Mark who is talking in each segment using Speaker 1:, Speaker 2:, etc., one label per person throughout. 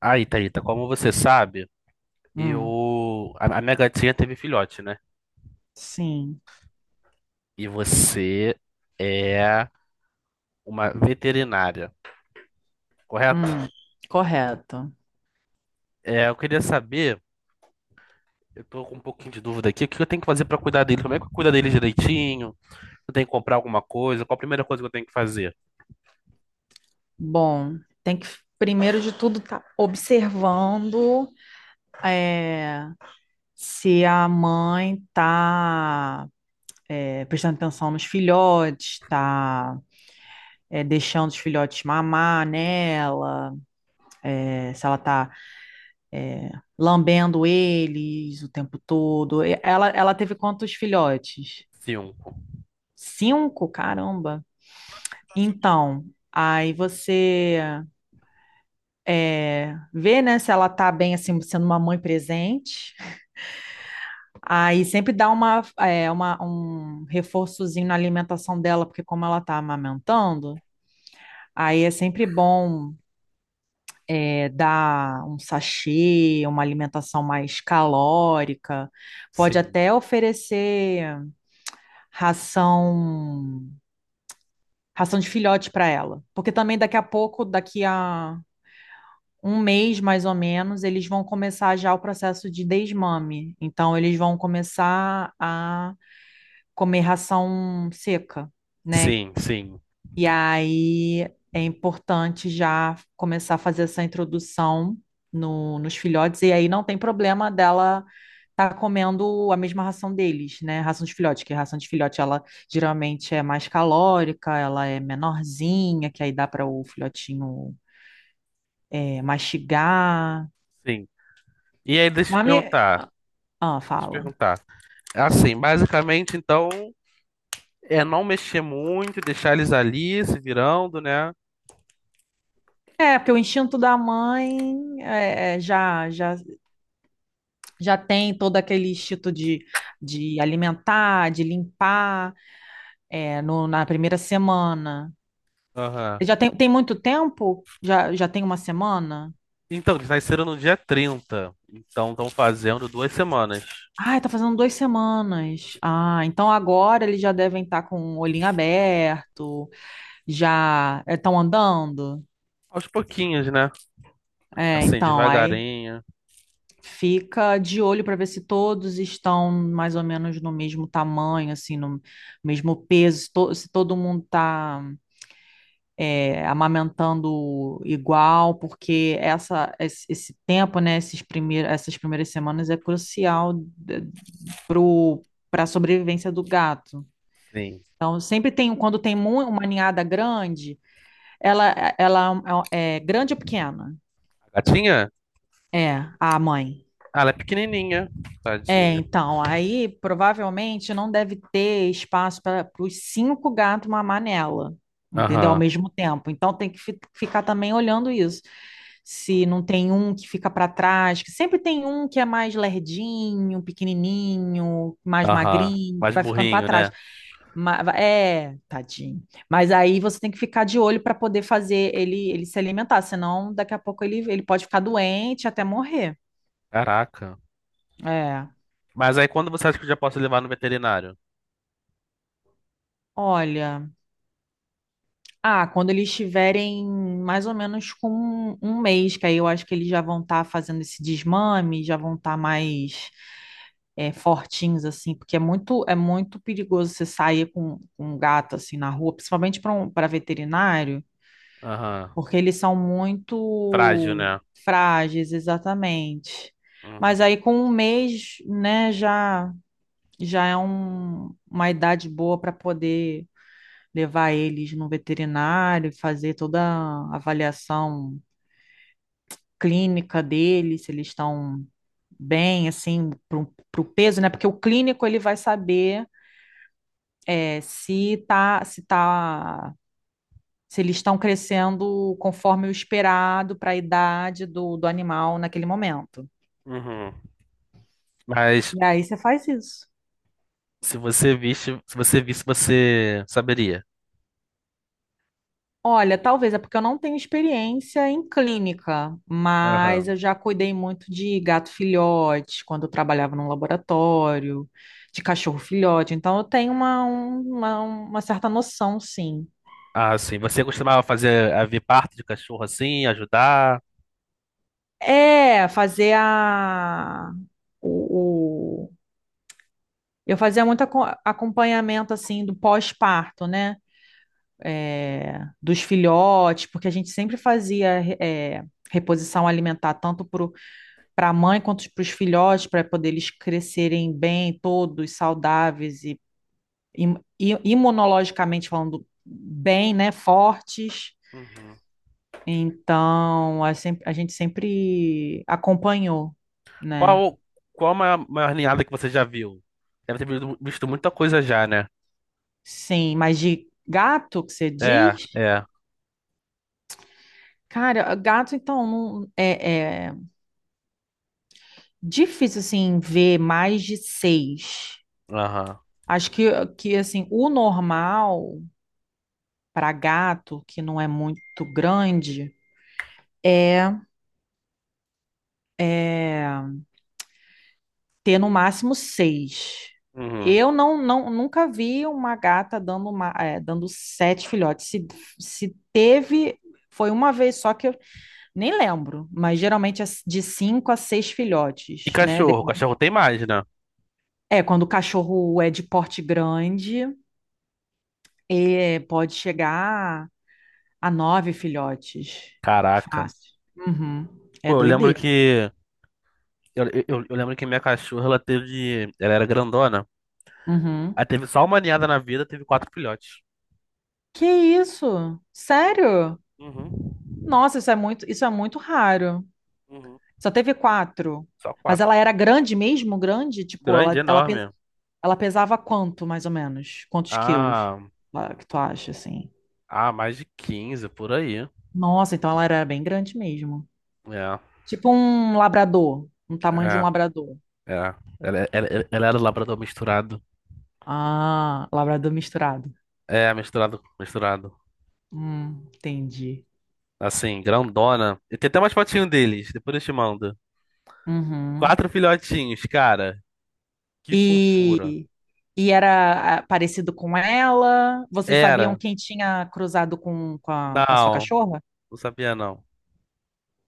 Speaker 1: Aí, Thalita, como você sabe,
Speaker 2: Hum,
Speaker 1: eu. A minha gatinha teve filhote, né?
Speaker 2: sim.
Speaker 1: E você é uma veterinária, correto?
Speaker 2: Hum, correto.
Speaker 1: É, eu queria saber, eu tô com um pouquinho de dúvida aqui, o que eu tenho que fazer pra cuidar dele? Como é que eu cuido dele direitinho? Eu tenho que comprar alguma coisa? Qual a primeira coisa que eu tenho que fazer?
Speaker 2: Bom, tem que, primeiro de tudo, tá observando é, se a mãe tá prestando atenção nos filhotes, tá deixando os filhotes mamar nela, se ela tá lambendo eles o tempo todo. E ela teve quantos filhotes?
Speaker 1: Cinco.
Speaker 2: Cinco? Caramba. Então, aí ver, né, se ela tá bem, assim, sendo uma mãe presente. Aí sempre dá um reforçozinho na alimentação dela, porque como ela tá amamentando, aí é sempre bom dar um sachê, uma alimentação mais calórica. Pode
Speaker 1: Sim.
Speaker 2: até oferecer ração, ração de filhote para ela, porque também daqui a pouco, daqui a um mês mais ou menos, eles vão começar já o processo de desmame. Então, eles vão começar a comer ração seca, né?
Speaker 1: Sim, sim,
Speaker 2: E aí é importante já começar a fazer essa introdução no, nos filhotes, e aí não tem problema dela. Tá comendo a mesma ração deles, né? Ração de filhote, que a ração de filhote ela geralmente é mais calórica, ela é menorzinha, que aí dá para o filhotinho mastigar.
Speaker 1: sim. E aí, deixa eu te
Speaker 2: Mami,
Speaker 1: perguntar.
Speaker 2: ah,
Speaker 1: Deixa eu te
Speaker 2: fala.
Speaker 1: perguntar. Assim, basicamente, então, é não mexer muito, deixar eles ali se virando, né?
Speaker 2: É, porque o instinto da mãe já tem todo aquele instinto de alimentar, de limpar, na primeira semana.
Speaker 1: Aham.
Speaker 2: Já tem, tem muito tempo? Já tem uma semana?
Speaker 1: Então, eles nasceram no dia 30, então estão fazendo 2 semanas.
Speaker 2: Ah, tá fazendo duas semanas. Ah, então agora eles já devem estar com o olhinho aberto, já estão andando.
Speaker 1: Aos pouquinhos, né?
Speaker 2: É,
Speaker 1: Assim,
Speaker 2: então, aí.
Speaker 1: devagarinho.
Speaker 2: Fica de olho para ver se todos estão mais ou menos no mesmo tamanho, assim, no mesmo peso, se todo mundo está amamentando igual, porque esse tempo, né, essas primeiras semanas é crucial para a sobrevivência do gato.
Speaker 1: Sim.
Speaker 2: Então, sempre tem, quando tem uma ninhada grande, ela, ela é grande ou pequena?
Speaker 1: A gatinha?
Speaker 2: É, a mãe.
Speaker 1: Ah, ela é pequenininha.
Speaker 2: É,
Speaker 1: Tadinha.
Speaker 2: então, aí provavelmente não deve ter espaço para os cinco gatos mamar nela, entendeu? Ao
Speaker 1: Aham,
Speaker 2: mesmo tempo. Então tem que ficar também olhando isso. Se não tem um que fica para trás, que sempre tem um que é mais lerdinho, pequenininho, mais
Speaker 1: aham.
Speaker 2: magrinho, que
Speaker 1: Mais
Speaker 2: vai ficando para
Speaker 1: burrinho,
Speaker 2: trás.
Speaker 1: né?
Speaker 2: É, tadinho. Mas aí você tem que ficar de olho para poder fazer ele se alimentar, senão daqui a pouco ele pode ficar doente até morrer.
Speaker 1: Caraca.
Speaker 2: É.
Speaker 1: Mas aí, quando você acha que eu já posso levar no veterinário?
Speaker 2: Olha. Ah, quando eles estiverem mais ou menos com um mês, que aí eu acho que eles já vão estar fazendo esse desmame, já vão estar mais fortinhos, assim, porque é muito perigoso você sair com um gato assim na rua, principalmente para um, para veterinário,
Speaker 1: Aham.
Speaker 2: porque eles são
Speaker 1: Frágil,
Speaker 2: muito
Speaker 1: né?
Speaker 2: frágeis, exatamente. Mas
Speaker 1: Uhum.
Speaker 2: aí com um mês, né, já, já é uma idade boa para poder levar eles no veterinário, fazer toda a avaliação clínica deles, se eles estão bem, assim, para o peso, né? Porque o clínico ele vai saber se tá, se eles estão crescendo conforme o esperado para a idade do, do animal naquele momento.
Speaker 1: Uhum. Mas
Speaker 2: E aí você faz isso.
Speaker 1: se você visse, você saberia.
Speaker 2: Olha, talvez é porque eu não tenho experiência em clínica, mas
Speaker 1: Aham.
Speaker 2: eu já cuidei muito de gato filhote quando eu trabalhava num laboratório, de cachorro filhote, então eu tenho uma certa noção, sim.
Speaker 1: Ah, sim. Você costumava fazer a ver parto de cachorro assim, ajudar?
Speaker 2: É, fazer a. O, o- eu fazia muito acompanhamento, assim, do pós-parto, né? Dos filhotes, porque a gente sempre fazia é, reposição alimentar, tanto para para a mãe quanto para os filhotes, para poder eles crescerem bem, todos saudáveis e, imunologicamente falando bem, né, fortes.
Speaker 1: Uhum.
Speaker 2: Então, a, sem- a gente sempre acompanhou, né?
Speaker 1: Qual, qual a maior ninhada que você já viu? Deve ter visto muita coisa já, né?
Speaker 2: Sim, mas de gato que você
Speaker 1: É,
Speaker 2: diz?
Speaker 1: é.
Speaker 2: Cara, gato, então, não, é difícil, assim, ver mais de seis.
Speaker 1: Aham.
Speaker 2: Acho que assim, o normal para gato, que não é muito grande, é é ter no máximo seis.
Speaker 1: Uhum.
Speaker 2: Eu não nunca vi uma gata dando, uma, é, dando sete filhotes. Se teve, foi uma vez só que eu nem lembro, mas geralmente é de cinco a seis
Speaker 1: E
Speaker 2: filhotes, né? De-
Speaker 1: cachorro? Cachorro tem mais, né?
Speaker 2: É, quando o cachorro é de porte grande, pode chegar a nove filhotes.
Speaker 1: Caraca.
Speaker 2: Fácil. Uhum.
Speaker 1: Pô,
Speaker 2: É
Speaker 1: eu lembro
Speaker 2: doideira.
Speaker 1: que. Eu lembro que minha cachorra, ela teve. Ela era grandona.
Speaker 2: Uhum.
Speaker 1: Ela teve só uma ninhada na vida, teve quatro filhotes.
Speaker 2: Que isso? Sério?
Speaker 1: Uhum.
Speaker 2: Nossa, isso é muito raro.
Speaker 1: Uhum.
Speaker 2: Só teve quatro.
Speaker 1: Só
Speaker 2: Mas ela
Speaker 1: quatro.
Speaker 2: era grande mesmo, grande? Tipo,
Speaker 1: Grande, enorme.
Speaker 2: ela pesava quanto, mais ou menos? Quantos quilos?
Speaker 1: Ah,
Speaker 2: Ah, que tu acha, assim?
Speaker 1: ah, mais de 15 por aí.
Speaker 2: Nossa, então ela era bem grande mesmo.
Speaker 1: É,
Speaker 2: Tipo um labrador, um tamanho de um
Speaker 1: é,
Speaker 2: labrador.
Speaker 1: é. Ela era labrador misturado.
Speaker 2: Ah, labrador misturado.
Speaker 1: É, misturado, misturado.
Speaker 2: Entendi.
Speaker 1: Assim, grandona. E tem até umas fotinhas deles, depois eu te mando.
Speaker 2: Uhum.
Speaker 1: Quatro filhotinhos, cara. Que fofura.
Speaker 2: E, e era ah, parecido com ela? Vocês sabiam
Speaker 1: Era.
Speaker 2: quem tinha cruzado com com a sua
Speaker 1: Não,
Speaker 2: cachorra?
Speaker 1: não sabia não.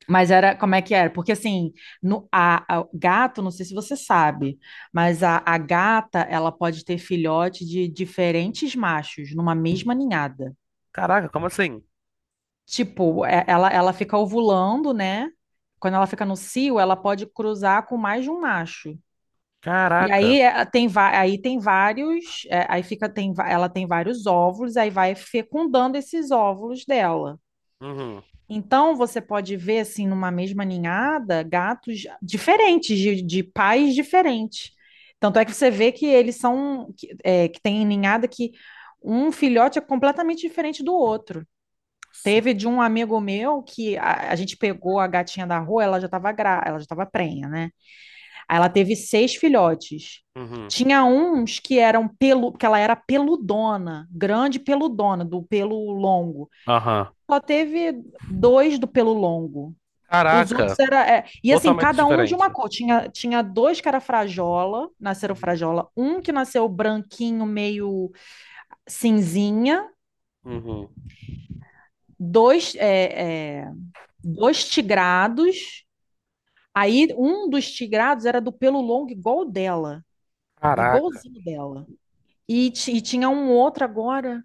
Speaker 2: Mas era, como é que era? Porque assim, gato, não sei se você sabe, mas a gata, ela pode ter filhote de diferentes machos numa mesma ninhada.
Speaker 1: Caraca, como assim?
Speaker 2: Tipo, ela fica ovulando, né? Quando ela fica no cio, ela pode cruzar com mais de um macho. E
Speaker 1: Caraca.
Speaker 2: aí aí tem vários, é, aí fica, tem, va- ela tem vários óvulos, aí vai fecundando esses óvulos dela.
Speaker 1: Uhum,
Speaker 2: Então, você pode ver, assim, numa mesma ninhada, gatos diferentes, de pais diferentes. Tanto é que você vê que eles são, que, é, que tem ninhada que um filhote é completamente diferente do outro. Teve de um amigo meu que a gente pegou a gatinha da rua, ela já estava prenha, né? Aí ela teve seis filhotes.
Speaker 1: uhum,
Speaker 2: Tinha uns que eram pelu, que ela era peludona, grande peludona, do pelo longo.
Speaker 1: aham.
Speaker 2: Só teve dois do pelo longo. Os
Speaker 1: Caraca,
Speaker 2: outros era. É, e assim,
Speaker 1: totalmente
Speaker 2: cada um de uma
Speaker 1: diferente.
Speaker 2: cor. Tinha dois que era frajola, nasceram
Speaker 1: Uhum,
Speaker 2: frajola. Um que nasceu branquinho, meio cinzinha.
Speaker 1: uhum.
Speaker 2: Dois, dois tigrados. Aí um dos tigrados era do pelo longo, igual o dela.
Speaker 1: Caraca.
Speaker 2: Igualzinho dela. E, e tinha um outro agora,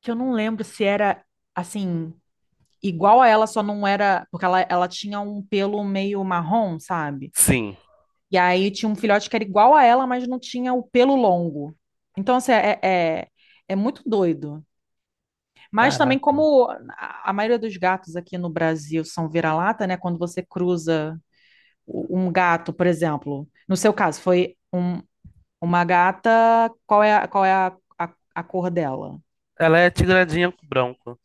Speaker 2: que eu não lembro se era assim, igual a ela, só não era. Porque ela tinha um pelo meio marrom, sabe?
Speaker 1: Sim.
Speaker 2: E aí tinha um filhote que era igual a ela, mas não tinha o pelo longo. Então, assim, é, é muito doido. Mas também,
Speaker 1: Caraca.
Speaker 2: como a maioria dos gatos aqui no Brasil são vira-lata, né? Quando você cruza um gato, por exemplo, no seu caso, foi uma gata, qual é a cor dela?
Speaker 1: Ela é tigradinha com branco.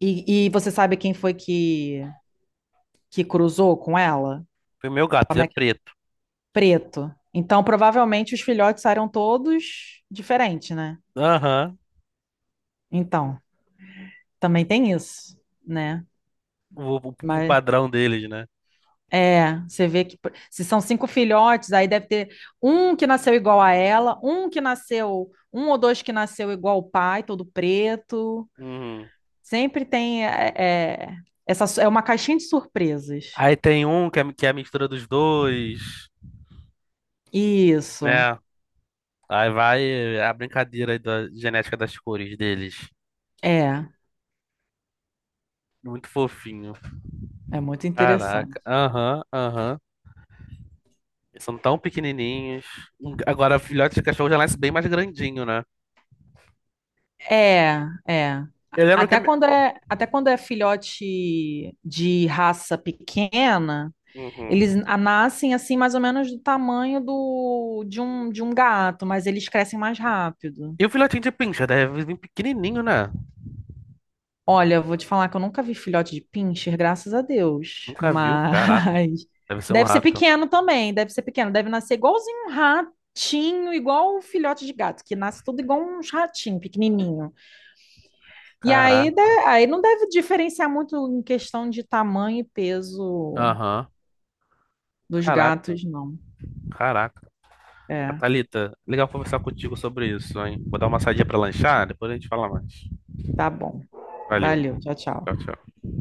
Speaker 2: E você sabe quem foi que cruzou com ela?
Speaker 1: E o meu gato, ele
Speaker 2: Como
Speaker 1: é
Speaker 2: é que é?
Speaker 1: preto.
Speaker 2: Preto. Então, provavelmente, os filhotes saíram todos diferentes, né?
Speaker 1: Aham.
Speaker 2: Então. Também tem isso, né?
Speaker 1: O
Speaker 2: Mas
Speaker 1: padrão deles, né?
Speaker 2: é, você vê que se são cinco filhotes, aí deve ter um que nasceu igual a ela, um que nasceu, um ou dois que nasceu igual o pai, todo preto.
Speaker 1: Uhum.
Speaker 2: Sempre tem é, é uma caixinha de surpresas.
Speaker 1: Aí tem um que é a mistura dos dois,
Speaker 2: Isso.
Speaker 1: né? Aí vai é a brincadeira aí da genética das cores deles.
Speaker 2: É,
Speaker 1: Muito fofinho.
Speaker 2: é muito
Speaker 1: Caraca.
Speaker 2: interessante.
Speaker 1: Aham, aham. Eles são tão pequenininhos. Agora, filhote de cachorro já nasce bem mais grandinho, né?
Speaker 2: É, é.
Speaker 1: Eu lembro que a
Speaker 2: Até
Speaker 1: minha.
Speaker 2: quando é, até quando é filhote de raça pequena, eles
Speaker 1: Uhum.
Speaker 2: nascem assim mais ou menos do tamanho do, de um gato, mas eles crescem mais rápido.
Speaker 1: E o filhotinho de pincha deve vir pequenininho, né?
Speaker 2: Olha, eu vou te falar que eu nunca vi filhote de pincher, graças a Deus.
Speaker 1: Nunca viu. Caraca.
Speaker 2: Mas
Speaker 1: Deve ser um
Speaker 2: deve ser
Speaker 1: rato.
Speaker 2: pequeno também, deve ser pequeno, deve nascer igualzinho um ratinho, igual o filhote de gato, que nasce tudo igual um ratinho pequenininho. E aí,
Speaker 1: Caraca.
Speaker 2: aí não deve diferenciar muito em questão de tamanho e peso
Speaker 1: Aham.
Speaker 2: dos
Speaker 1: Caraca.
Speaker 2: gatos, não.
Speaker 1: Caraca.
Speaker 2: É,
Speaker 1: Thalita, legal conversar contigo sobre isso, hein? Vou dar uma saidinha pra lanchar, depois a gente fala mais.
Speaker 2: tá bom.
Speaker 1: Valeu.
Speaker 2: Valeu, tchau,
Speaker 1: Tchau,
Speaker 2: tchau.
Speaker 1: tchau.